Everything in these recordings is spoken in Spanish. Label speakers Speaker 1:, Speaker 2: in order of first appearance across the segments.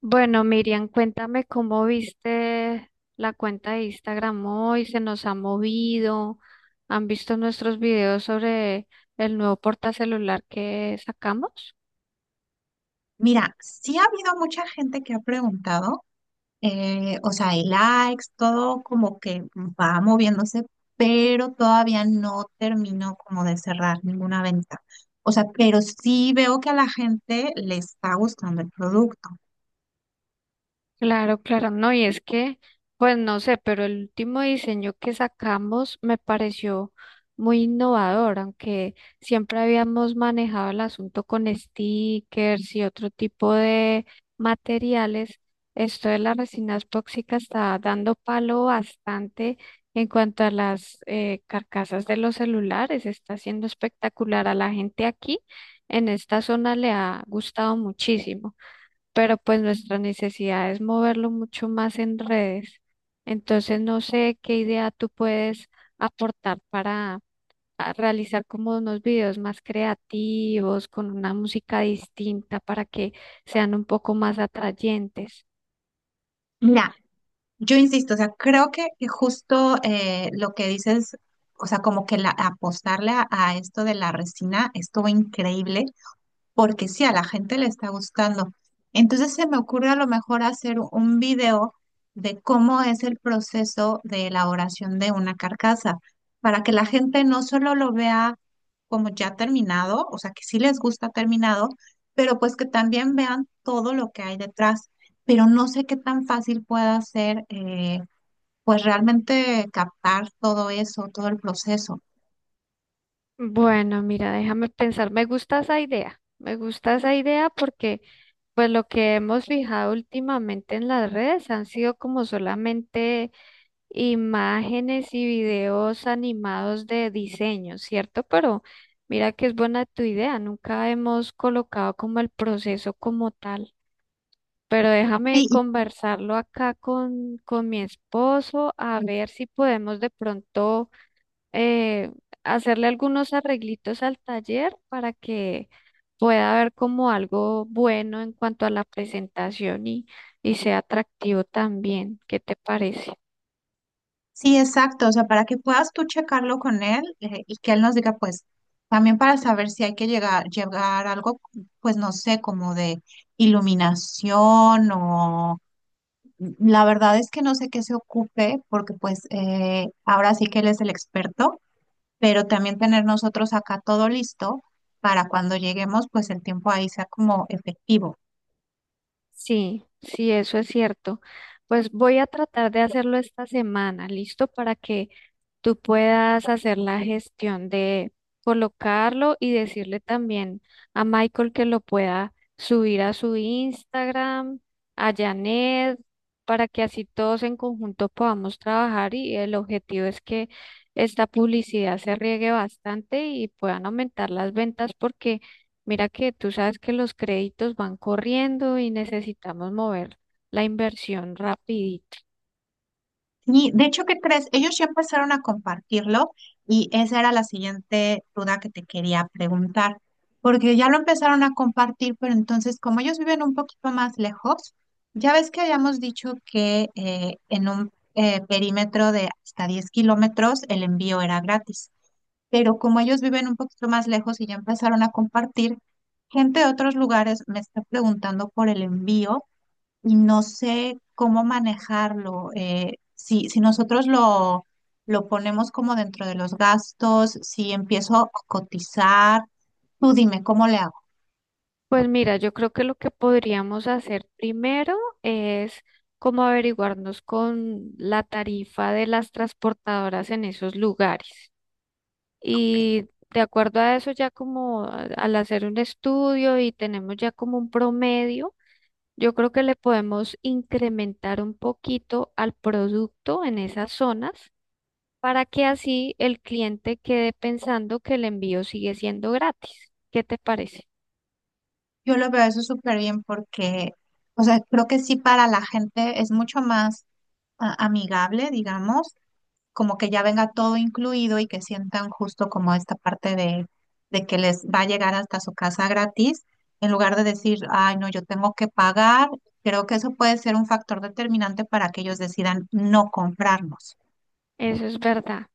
Speaker 1: Bueno, Miriam, cuéntame cómo viste la cuenta de Instagram hoy, se nos ha movido, han visto nuestros videos sobre el nuevo portacelular que sacamos.
Speaker 2: Mira, sí ha habido mucha gente que ha preguntado, o sea, hay likes, todo como que va moviéndose, pero todavía no termino como de cerrar ninguna venta. O sea, pero sí veo que a la gente le está gustando el producto.
Speaker 1: Claro, claro, no, y es que, pues no sé, pero el último diseño que sacamos me pareció muy innovador, aunque siempre habíamos manejado el asunto con stickers y otro tipo de materiales, esto de las resinas tóxicas está dando palo bastante en cuanto a las carcasas de los celulares, está siendo espectacular a la gente aquí, en esta zona le ha gustado muchísimo, pero pues nuestra necesidad es moverlo mucho más en redes. Entonces no sé qué idea tú puedes aportar para a realizar como unos videos más creativos, con una música distinta para que sean un poco más atrayentes.
Speaker 2: Mira, yo insisto, o sea, creo que justo lo que dices, o sea, como que la, apostarle a esto de la resina estuvo increíble porque sí, a la gente le está gustando. Entonces se me ocurre a lo mejor hacer un video de cómo es el proceso de elaboración de una carcasa, para que la gente no solo lo vea como ya terminado, o sea, que sí les gusta terminado, pero pues que también vean todo lo que hay detrás. Pero no sé qué tan fácil pueda ser, pues realmente captar todo eso, todo el proceso.
Speaker 1: Bueno, mira, déjame pensar, me gusta esa idea, me gusta esa idea porque pues lo que hemos fijado últimamente en las redes han sido como solamente imágenes y videos animados de diseño, ¿cierto? Pero mira que es buena tu idea, nunca hemos colocado como el proceso como tal. Pero déjame
Speaker 2: Sí,
Speaker 1: conversarlo acá con mi esposo a ver si podemos de pronto eh, hacerle algunos arreglitos al taller para que pueda haber como algo bueno en cuanto a la presentación y sea atractivo también. ¿Qué te parece?
Speaker 2: sí, exacto, o sea, para que puedas tú checarlo con él, y que él nos diga, pues, también para saber si hay que llegar a algo, pues, no sé, como de iluminación o la verdad es que no sé qué se ocupe, porque pues ahora sí que él es el experto, pero también tener nosotros acá todo listo para cuando lleguemos, pues el tiempo ahí sea como efectivo.
Speaker 1: Sí, sí, eso es cierto. Pues voy a tratar de hacerlo esta semana, ¿listo? Para que tú puedas hacer la gestión de colocarlo y decirle también a Michael que lo pueda subir a su Instagram, a Janet, para que así todos en conjunto podamos trabajar y el objetivo es que esta publicidad se riegue bastante y puedan aumentar las ventas porque mira que tú sabes que los créditos van corriendo y necesitamos mover la inversión rapidito.
Speaker 2: Sí, de hecho, ¿qué crees? Ellos ya empezaron a compartirlo y esa era la siguiente duda que te quería preguntar, porque ya lo empezaron a compartir, pero entonces como ellos viven un poquito más lejos, ya ves que habíamos dicho que en un perímetro de hasta 10 kilómetros el envío era gratis, pero como ellos viven un poquito más lejos y ya empezaron a compartir, gente de otros lugares me está preguntando por el envío y no sé cómo manejarlo. Si nosotros lo ponemos como dentro de los gastos, si empiezo a cotizar, tú dime cómo le hago.
Speaker 1: Pues mira, yo creo que lo que podríamos hacer primero es como averiguarnos con la tarifa de las transportadoras en esos lugares.
Speaker 2: Ok.
Speaker 1: Y de acuerdo a eso, ya como al hacer un estudio y tenemos ya como un promedio, yo creo que le podemos incrementar un poquito al producto en esas zonas para que así el cliente quede pensando que el envío sigue siendo gratis. ¿Qué te parece?
Speaker 2: Yo lo veo eso súper bien porque, o sea, creo que sí para la gente es mucho más amigable, digamos, como que ya venga todo incluido y que sientan justo como esta parte de que les va a llegar hasta su casa gratis, en lugar de decir, ay, no, yo tengo que pagar. Creo que eso puede ser un factor determinante para que ellos decidan no comprarnos.
Speaker 1: Eso es verdad.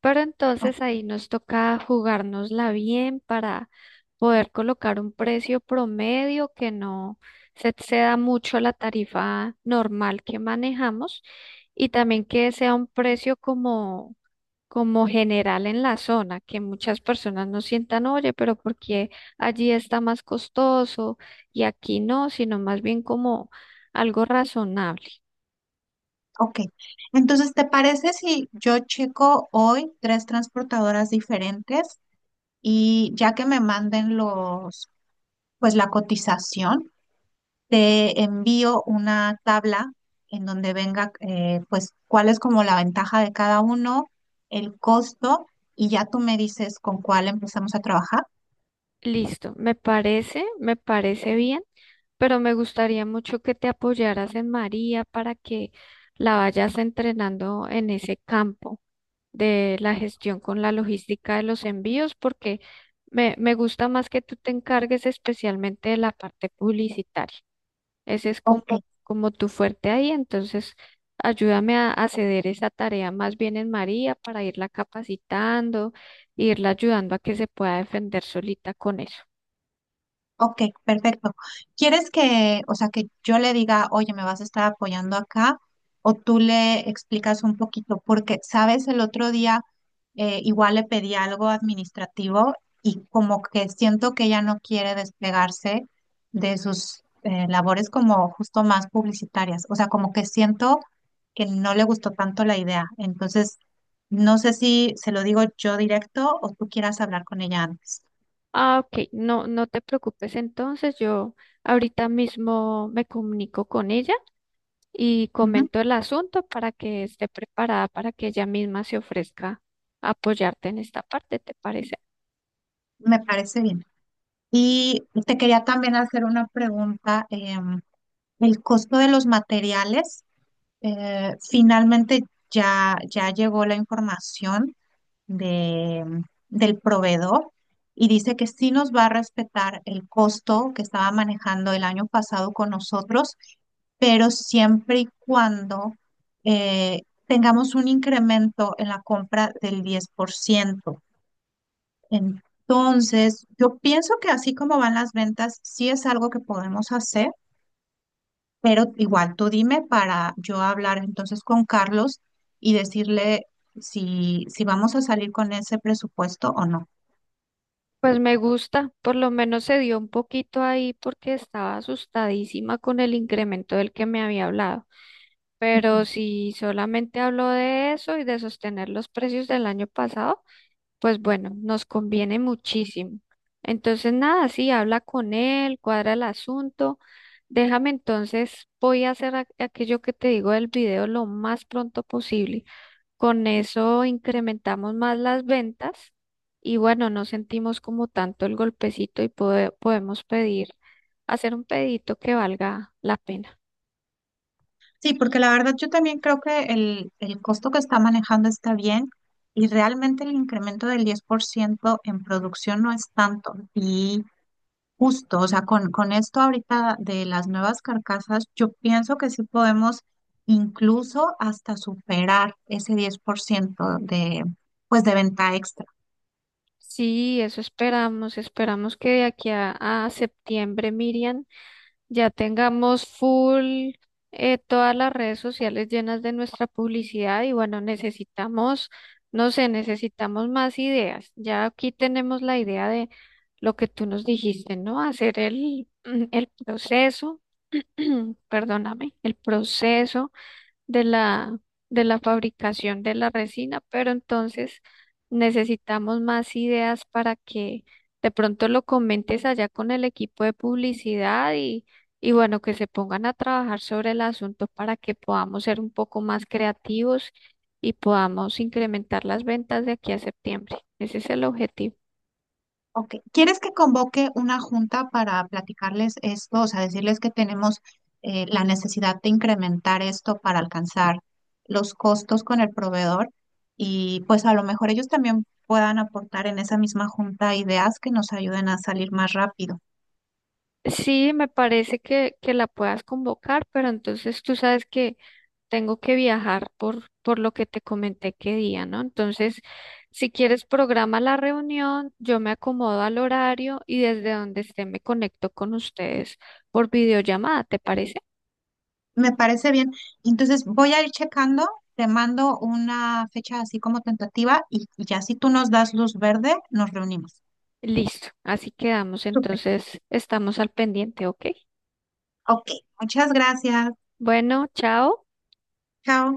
Speaker 1: Pero
Speaker 2: O-
Speaker 1: entonces ahí nos toca jugárnosla bien para poder colocar un precio promedio que no se exceda mucho la tarifa normal que manejamos y también que sea un precio como, como general en la zona, que muchas personas no sientan, oye, pero porque allí está más costoso y aquí no, sino más bien como algo razonable.
Speaker 2: Ok, entonces, ¿te parece si yo checo hoy tres transportadoras diferentes y ya que me manden pues, la cotización? Te envío una tabla en donde venga, pues, cuál es como la ventaja de cada uno, el costo, y ya tú me dices con cuál empezamos a trabajar.
Speaker 1: Listo, me parece bien. Pero me gustaría mucho que te apoyaras en María para que la vayas entrenando en ese campo de la gestión con la logística de los envíos, porque me gusta más que tú te encargues especialmente de la parte publicitaria. Ese es
Speaker 2: Ok,
Speaker 1: como, como tu fuerte ahí, entonces ayúdame a ceder esa tarea más bien en María para irla capacitando, irla ayudando a que se pueda defender solita con eso.
Speaker 2: ok, perfecto. ¿Quieres que, o sea, que yo le diga, oye, me vas a estar apoyando acá? O tú le explicas un poquito, porque, sabes, el otro día igual le pedí algo administrativo y como que siento que ella no quiere despegarse de sus labores como justo más publicitarias. O sea, como que siento que no le gustó tanto la idea. Entonces, no sé si se lo digo yo directo o tú quieras hablar con ella antes.
Speaker 1: Ah, ok, no, no te preocupes. Entonces yo ahorita mismo me comunico con ella y
Speaker 2: Ujú.
Speaker 1: comento el asunto para que esté preparada para que ella misma se ofrezca a apoyarte en esta parte, ¿te parece?
Speaker 2: Me parece bien. Y te quería también hacer una pregunta. El costo de los materiales, finalmente ya llegó la información de, del proveedor y dice que sí nos va a respetar el costo que estaba manejando el año pasado con nosotros, pero siempre y cuando tengamos un incremento en la compra del 10%. Entonces, yo pienso que así como van las ventas, sí es algo que podemos hacer, pero igual tú dime para yo hablar entonces con Carlos y decirle si vamos a salir con ese presupuesto o no.
Speaker 1: Pues me gusta, por lo menos se dio un poquito ahí porque estaba asustadísima con el incremento del que me había hablado.
Speaker 2: Ujú.
Speaker 1: Pero si solamente habló de eso y de sostener los precios del año pasado, pues bueno, nos conviene muchísimo. Entonces, nada, sí, habla con él, cuadra el asunto. Déjame entonces, voy a hacer aquello que te digo del video lo más pronto posible. Con eso incrementamos más las ventas y bueno, no sentimos como tanto el golpecito y podemos pedir, hacer un pedito que valga la pena.
Speaker 2: Sí, porque la verdad yo también creo que el costo que está manejando está bien y realmente el incremento del 10% en producción no es tanto. Y justo, o sea, con esto ahorita de las nuevas carcasas, yo pienso que sí podemos incluso hasta superar ese 10% de, pues, de venta extra.
Speaker 1: Sí, eso esperamos. Esperamos que de aquí a septiembre, Miriam, ya tengamos full todas las redes sociales llenas de nuestra publicidad y bueno, necesitamos, no sé, necesitamos más ideas. Ya aquí tenemos la idea de lo que tú nos dijiste, ¿no? Hacer el, el proceso, perdóname, el proceso de la, de la fabricación de la resina, pero entonces necesitamos más ideas para que de pronto lo comentes allá con el equipo de publicidad y bueno, que se pongan a trabajar sobre el asunto para que podamos ser un poco más creativos y podamos incrementar las ventas de aquí a septiembre. Ese es el objetivo.
Speaker 2: Ok, ¿quieres que convoque una junta para platicarles esto? O sea, decirles que tenemos la necesidad de incrementar esto para alcanzar los costos con el proveedor y pues a lo mejor ellos también puedan aportar en esa misma junta ideas que nos ayuden a salir más rápido.
Speaker 1: Sí, me parece que la puedas convocar, pero entonces tú sabes que tengo que viajar por lo que te comenté que día, ¿no? Entonces, si quieres, programa la reunión, yo me acomodo al horario y desde donde esté me conecto con ustedes por videollamada, ¿te parece?
Speaker 2: Me parece bien. Entonces voy a ir checando, te mando una fecha así como tentativa y ya si tú nos das luz verde, nos reunimos.
Speaker 1: Listo, así quedamos,
Speaker 2: Súper.
Speaker 1: entonces estamos al pendiente, ¿ok?
Speaker 2: Ok, muchas gracias.
Speaker 1: Bueno, chao.
Speaker 2: Chao.